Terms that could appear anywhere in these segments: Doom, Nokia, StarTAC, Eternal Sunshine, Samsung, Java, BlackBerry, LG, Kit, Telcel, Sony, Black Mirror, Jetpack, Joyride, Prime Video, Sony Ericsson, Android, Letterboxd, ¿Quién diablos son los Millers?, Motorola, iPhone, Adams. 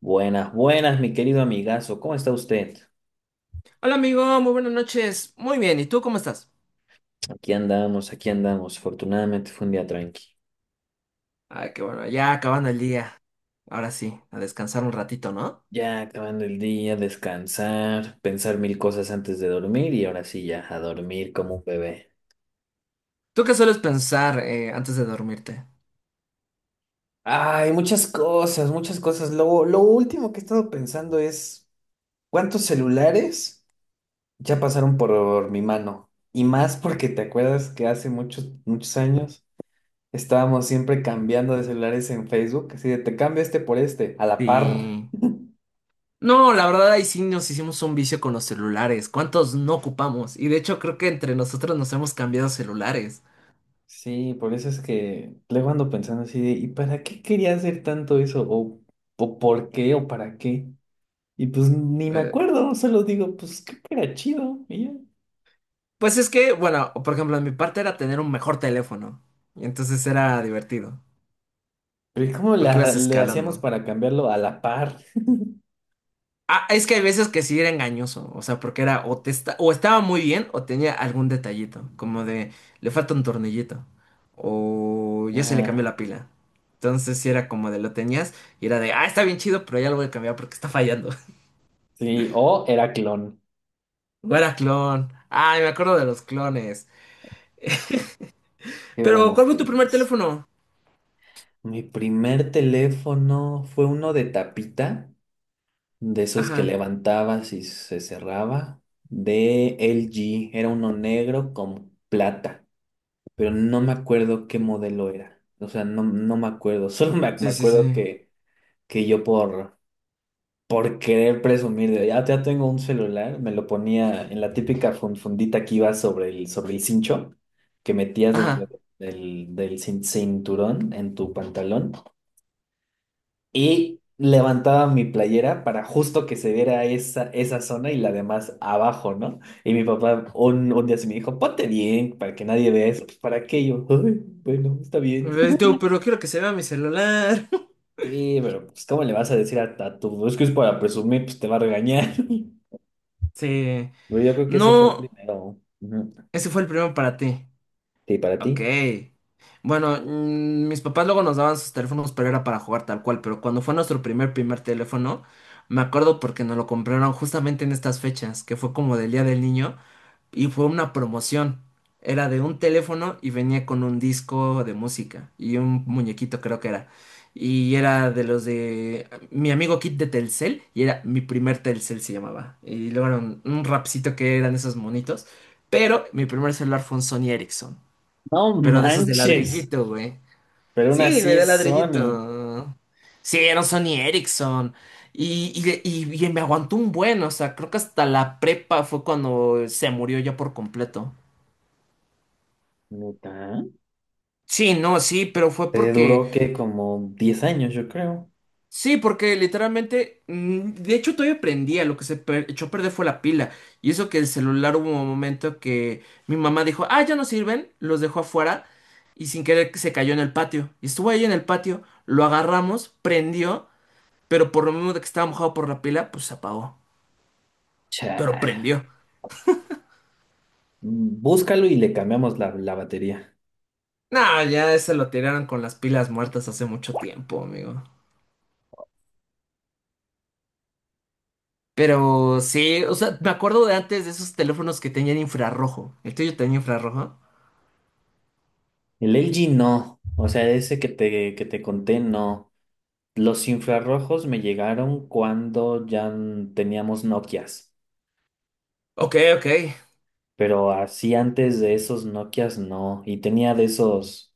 Buenas, buenas, mi querido amigazo. ¿Cómo está usted? Hola amigo, muy buenas noches. Muy bien, ¿y tú cómo estás? Aquí andamos, aquí andamos. Afortunadamente fue un día tranqui. Ah, qué bueno, ya acabando el día. Ahora sí, a descansar un ratito, ¿no? Ya acabando el día, descansar, pensar mil cosas antes de dormir y ahora sí ya a dormir como un bebé. ¿Tú qué sueles pensar antes de dormirte? Ay, muchas cosas, muchas cosas. Lo último que he estado pensando es cuántos celulares ya pasaron por mi mano. Y más porque te acuerdas que hace muchos, muchos años estábamos siempre cambiando de celulares en Facebook, así de te cambio este por este, a la par. Sí. No, la verdad ahí sí nos hicimos un vicio con los celulares. ¿Cuántos no ocupamos? Y de hecho creo que entre nosotros nos hemos cambiado celulares. Sí, por eso es que luego ando pensando así de, ¿y para qué quería hacer tanto eso? ¿O por qué? ¿O para qué? Y pues ni me Eh, acuerdo, solo digo, pues creo que era chido. Y ya. pues es que, bueno, por ejemplo, en mi parte era tener un mejor teléfono. Y entonces era divertido, Pero ¿cómo porque la, ibas le hacíamos escalando. para cambiarlo a la par? Ah, es que hay veces que sí era engañoso, o sea, porque era o estaba muy bien o tenía algún detallito, como de le falta un tornillito o ya se le cambió la Ah, pila. Entonces sí era como de lo tenías y era de, ah, está bien chido, pero ya lo voy a cambiar porque está fallando. sí, o era clon. O era clon. Ay, me acuerdo de los clones. Qué Pero, ¿cuál buenos fue tu primer tiempos. teléfono? Mi primer teléfono fue uno de tapita, de esos que Ajá. levantabas y se cerraba, de LG. Era uno negro con plata. Pero no me acuerdo qué modelo era. O sea, no, no me acuerdo. Solo me Sí, sí, acuerdo sí. que yo por querer presumir de ya tengo un celular, me lo ponía en la típica fundita que iba sobre el cincho, que metías dentro Ajá. del cinturón en tu pantalón. Y levantaba mi playera para justo que se viera esa zona y la demás abajo, ¿no? Y mi papá un día se me dijo, ponte bien, para que nadie vea eso. Pues, ¿para qué? Y yo, "Ay, bueno, está bien. Tú, pero quiero que se vea mi celular. Sí, pero pues, ¿cómo le vas a decir a tu... Es que es para presumir, pues te va a regañar. Sí. Pero yo creo que ese fue el No, primero. Ujú. ese fue el primero para ti. Sí, para Ok. ti. Bueno, mis papás luego nos daban sus teléfonos, pero era para jugar tal cual. Pero cuando fue nuestro primer teléfono, me acuerdo porque nos lo compraron justamente en estas fechas, que fue como del Día del Niño, y fue una promoción. Era de un teléfono y venía con un disco de música y un muñequito, creo que era. Y era de los de mi amigo Kit de Telcel, y era mi primer Telcel se llamaba. Y luego era un rapcito que eran esos monitos. Pero mi primer celular fue un Sony Ericsson. No Pero de esos de manches. ladrillito, güey. Pero aún Sí, güey, así de es Sony. ladrillito. Sí, eran Sony Ericsson. Y, y, y me aguantó un buen, o sea, creo que hasta la prepa fue cuando se murió ya por completo. ¿Neta? Sí, no, sí, pero fue Te porque. duró que como 10 años, yo creo. Sí, porque literalmente. De hecho, todavía prendía. Lo que echó a perder fue la pila. Y eso que el celular hubo un momento que mi mamá dijo: Ah, ya no sirven. Los dejó afuera. Y sin querer que se cayó en el patio. Y estuvo ahí en el patio. Lo agarramos, prendió. Pero por lo mismo de que estaba mojado por la pila, pues se apagó. Pero Cha. prendió. Búscalo y le cambiamos la batería. No, ya ese lo tiraron con las pilas muertas hace mucho tiempo, amigo. Pero sí, o sea, me acuerdo de antes de esos teléfonos que tenían infrarrojo. ¿El tuyo tenía infrarrojo? El LG no. O sea, ese que te conté, no. Los infrarrojos me llegaron cuando ya teníamos Nokias. Ok, ok. Pero así antes de esos Nokias no. Y tenía de esos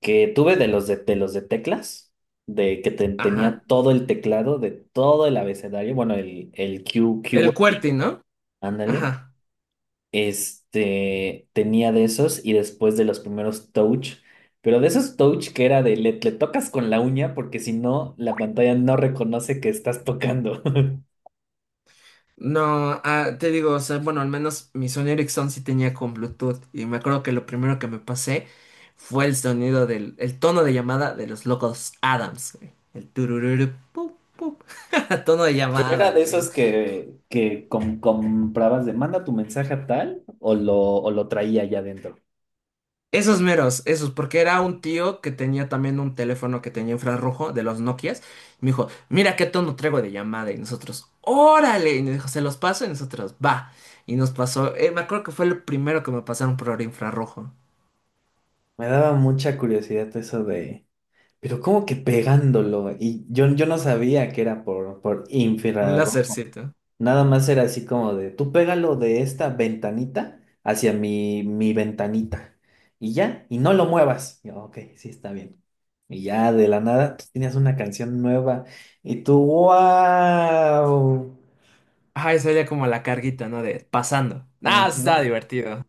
que tuve de los de los de teclas, de que tenía Ajá. todo el teclado de todo el abecedario, bueno, el Q, El QWERTY, ¿no? ándale. Ajá. Este, tenía de esos y después de los primeros Touch, pero de esos Touch que era de le tocas con la uña porque si no, la pantalla no reconoce que estás tocando. No, ah, Te digo, o sea, bueno, al menos mi Sony Ericsson sí tenía con Bluetooth y me acuerdo que lo primero que me pasé fue el sonido el tono de llamada de los locos Adams, güey. El turururu, pup, pup. Tono de ¿Era llamada, de güey. esos que comprabas de manda tu mensaje a tal o lo traía allá adentro? Esos meros, esos, porque era un tío que tenía también un teléfono que tenía infrarrojo de los Nokias. Y me dijo, mira qué tono traigo de llamada. Y nosotros, órale. Y nos dijo, se los paso. Y nosotros, va. Y nos pasó, me acuerdo que fue lo primero que me pasaron por infrarrojo. Me daba mucha curiosidad eso de, pero ¿cómo que pegándolo? Y yo no sabía que era por Un infrarrojo. lásercito. Nada más era así como de, tú pégalo de esta ventanita hacia mi ventanita. Y ya, y no lo muevas. Y yo, ok, sí, está bien. Y ya de la nada, tú tenías una canción nueva. Y tú, Ajá, esa era como la carguita, ¿no? De pasando. Ah, sí estaba wow. divertido.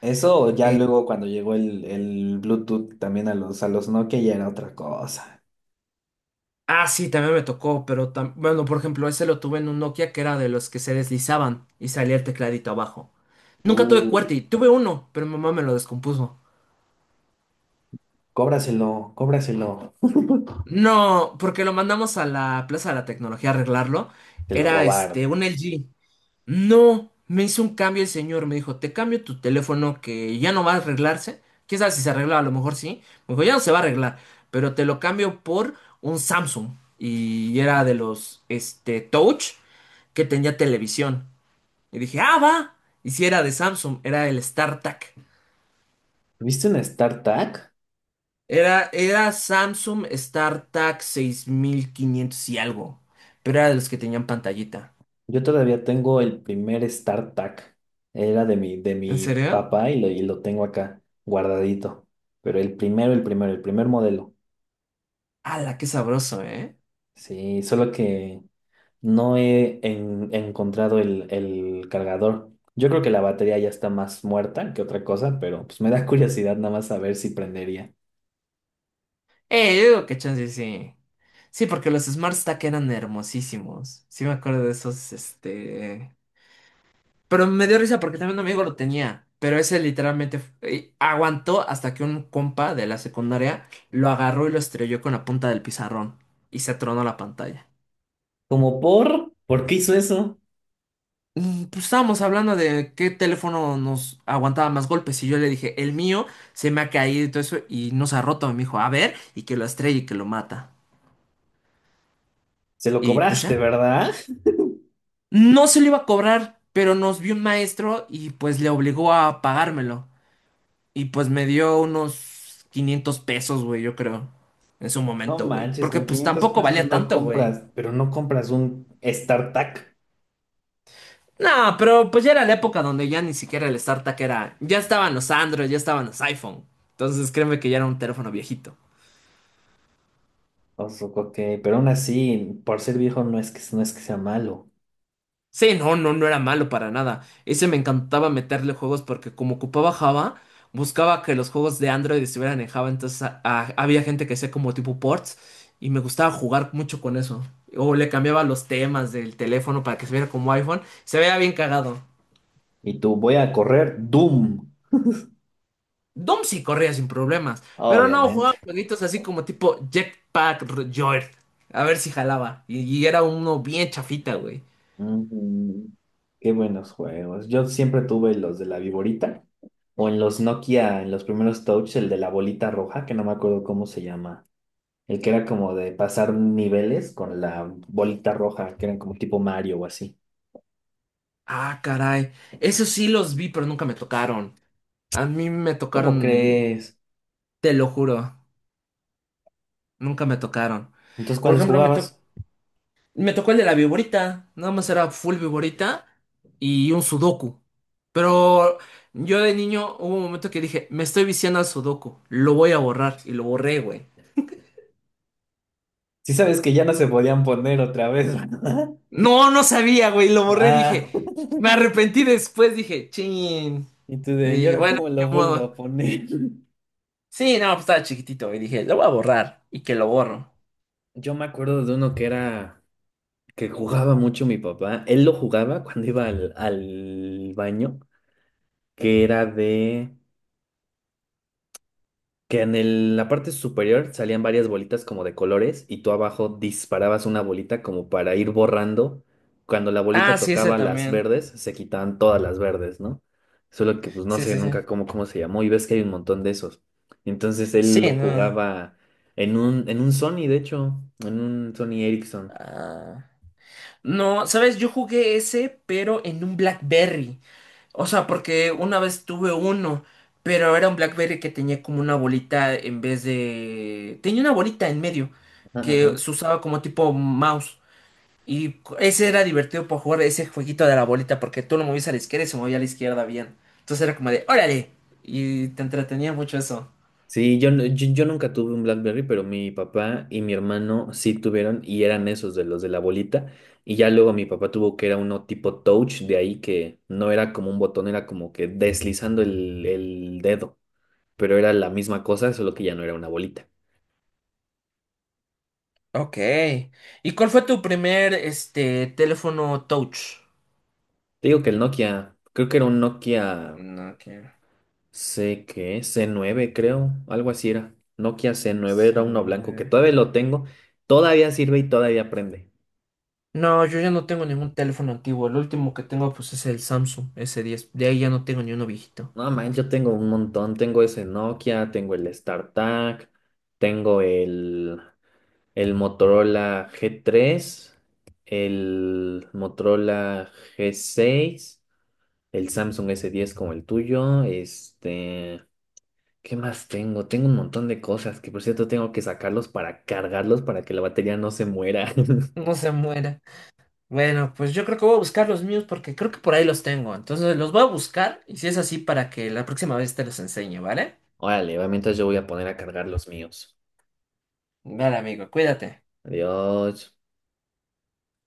Eso ya Eh, luego cuando llegó el Bluetooth también a los Nokia ya era otra cosa. Sí, también me tocó, bueno, por ejemplo, ese lo tuve en un Nokia que era de los que se deslizaban y salía el tecladito abajo. Nunca tuve Uh, QWERTY, tuve uno, pero mi mamá me lo descompuso. Cóbraselo, cóbraselo. No, porque lo mandamos a la Plaza de la Tecnología a arreglarlo. Te lo Era este, robaron. un LG. No, me hizo un cambio el señor, me dijo, te cambio tu teléfono que ya no va a arreglarse. ¿Quién sabe si se arregla? A lo mejor sí. Me dijo, ya no se va a arreglar, pero te lo cambio por un Samsung. Y era de los, este, Touch que tenía televisión. Y dije, ah, va. Y si era de Samsung, era el StarTAC. ¿Viste un StarTAC? Era, era Samsung StarTAC 6500 y algo. Pero era de los que tenían pantallita. Yo todavía tengo el primer StarTAC. Era de mi, de ¿En mi serio? papá y lo tengo acá guardadito. Pero el primero, el primero, el primer modelo. ¡Hala, qué sabroso, eh! Sí, solo que no he encontrado el cargador. Yo creo que la batería ya está más muerta que otra cosa, pero pues me da curiosidad nada más saber si prendería. Yo digo que chance sí. Sí, porque los Smart Stack eran hermosísimos. Sí me acuerdo de esos, este... Pero me dio risa porque también un amigo lo tenía. Pero ese literalmente aguantó hasta que un compa de la secundaria lo agarró y lo estrelló con la punta del pizarrón. Y se tronó la pantalla. Como por? ¿Por qué hizo eso? Pues estábamos hablando de qué teléfono nos aguantaba más golpes. Y yo le dije, el mío se me ha caído y todo eso. Y nos ha roto. Y me dijo, a ver, y que lo estrelle y que lo mata. Se lo Y pues cobraste, ya. ¿verdad? No se lo iba a cobrar, pero nos vio un maestro y pues le obligó a pagármelo. Y pues me dio unos 500 pesos, güey, yo creo. En su No momento, güey. manches, Porque con pues 500 tampoco pesos valía no tanto, güey. compras, pero no compras un StarTAC. No, pero pues ya era la época donde ya ni siquiera el StarTAC era... Ya estaban los Android, ya estaban los iPhone. Entonces créeme que ya era un teléfono viejito. O sea, ok, pero aún así, por ser viejo no es que sea malo. Sí, no, no, no era malo para nada. Ese me encantaba meterle juegos porque como ocupaba Java, buscaba que los juegos de Android estuvieran en Java, entonces había gente que hacía como tipo ports y me gustaba jugar mucho con eso. O le cambiaba los temas del teléfono para que se viera como iPhone, se veía bien cagado. Y tú, voy a correr Doom. Doom sí corría sin problemas, pero no, Obviamente. jugaba jueguitos así como tipo Joyride, a ver si jalaba. Y era uno bien chafita, güey. Mm, Qué buenos juegos. Yo siempre tuve los de la viborita o en los Nokia, en los primeros Touch, el de la bolita roja, que no me acuerdo cómo se llama. El que era como de pasar niveles con la bolita roja, que eran como tipo Mario o así. Ah, caray. Esos sí los vi, pero nunca me tocaron. A mí me ¿Cómo tocaron, crees? te lo juro, nunca me tocaron. Entonces, Por ¿cuáles ejemplo, jugabas? me tocó el de la viborita, nada más era full viborita y un sudoku. Pero yo de niño hubo un momento que dije, me estoy viciando al sudoku, lo voy a borrar y lo borré, güey. Sí sabes que ya no se podían poner otra vez, ¿verdad? No, no sabía, güey, lo borré, Ah. dije, me arrepentí después, dije, chin. Y me ¿Y dije, ahora bueno, cómo ni lo vuelvo modo. a poner? Sí, no, pues estaba chiquitito y dije, lo voy a borrar y que lo borro. Yo me acuerdo de uno que era que jugaba mucho mi papá. Él lo jugaba cuando iba al baño, que era de que en la parte superior salían varias bolitas como de colores y tú abajo disparabas una bolita como para ir borrando. Cuando la bolita Ah, sí, ese tocaba las también. verdes, se quitaban todas las verdes, ¿no? Solo que pues no Sí, sé sí, sí. nunca cómo se llamó y ves que hay un montón de esos. Entonces Sí, él lo no. jugaba en un Sony, de hecho, en un Sony Ericsson. Ah. No, sabes, yo jugué ese, pero en un BlackBerry. O sea, porque una vez tuve uno, pero era un BlackBerry que tenía como una bolita en vez de... Tenía una bolita en medio, Ajá, que ajá. se usaba como tipo mouse. Y ese era divertido para jugar ese jueguito de la bolita, porque tú lo movías a la izquierda y se movía a la izquierda bien. Entonces era como de, órale. Y te entretenía mucho eso. Sí, yo, no- yo nunca tuve un BlackBerry, pero mi papá y mi hermano sí tuvieron y eran esos de los de la bolita. Y ya luego mi papá tuvo que era uno tipo touch, de ahí que no era como un botón, era como que deslizando el dedo, pero era la misma cosa, solo que ya no era una bolita. Ok. ¿Y cuál fue tu primer, este, teléfono touch? Te digo que el Nokia, creo que era un Nokia No, que... C, ¿qué? C9, creo, algo así era. Nokia C9 era se uno no, blanco que eh. todavía lo tengo, todavía sirve y todavía prende. No, yo ya no tengo ningún teléfono antiguo. El último que tengo pues es el Samsung S10. De ahí ya no tengo ni uno viejito. No, man, yo tengo un montón. Tengo ese Nokia, tengo el StarTAC, tengo el Motorola G3, el Motorola G6, el Samsung S10 como el tuyo. Este, ¿qué más tengo? Tengo un montón de cosas que, por cierto, tengo que sacarlos para cargarlos para que la batería no se muera. No se muera. Bueno, pues yo creo que voy a buscar los míos porque creo que por ahí los tengo. Entonces los voy a buscar y si es así para que la próxima vez te los enseñe, ¿vale? Órale, va, mientras yo voy a poner a cargar los míos. Vale, amigo, cuídate. Adiós.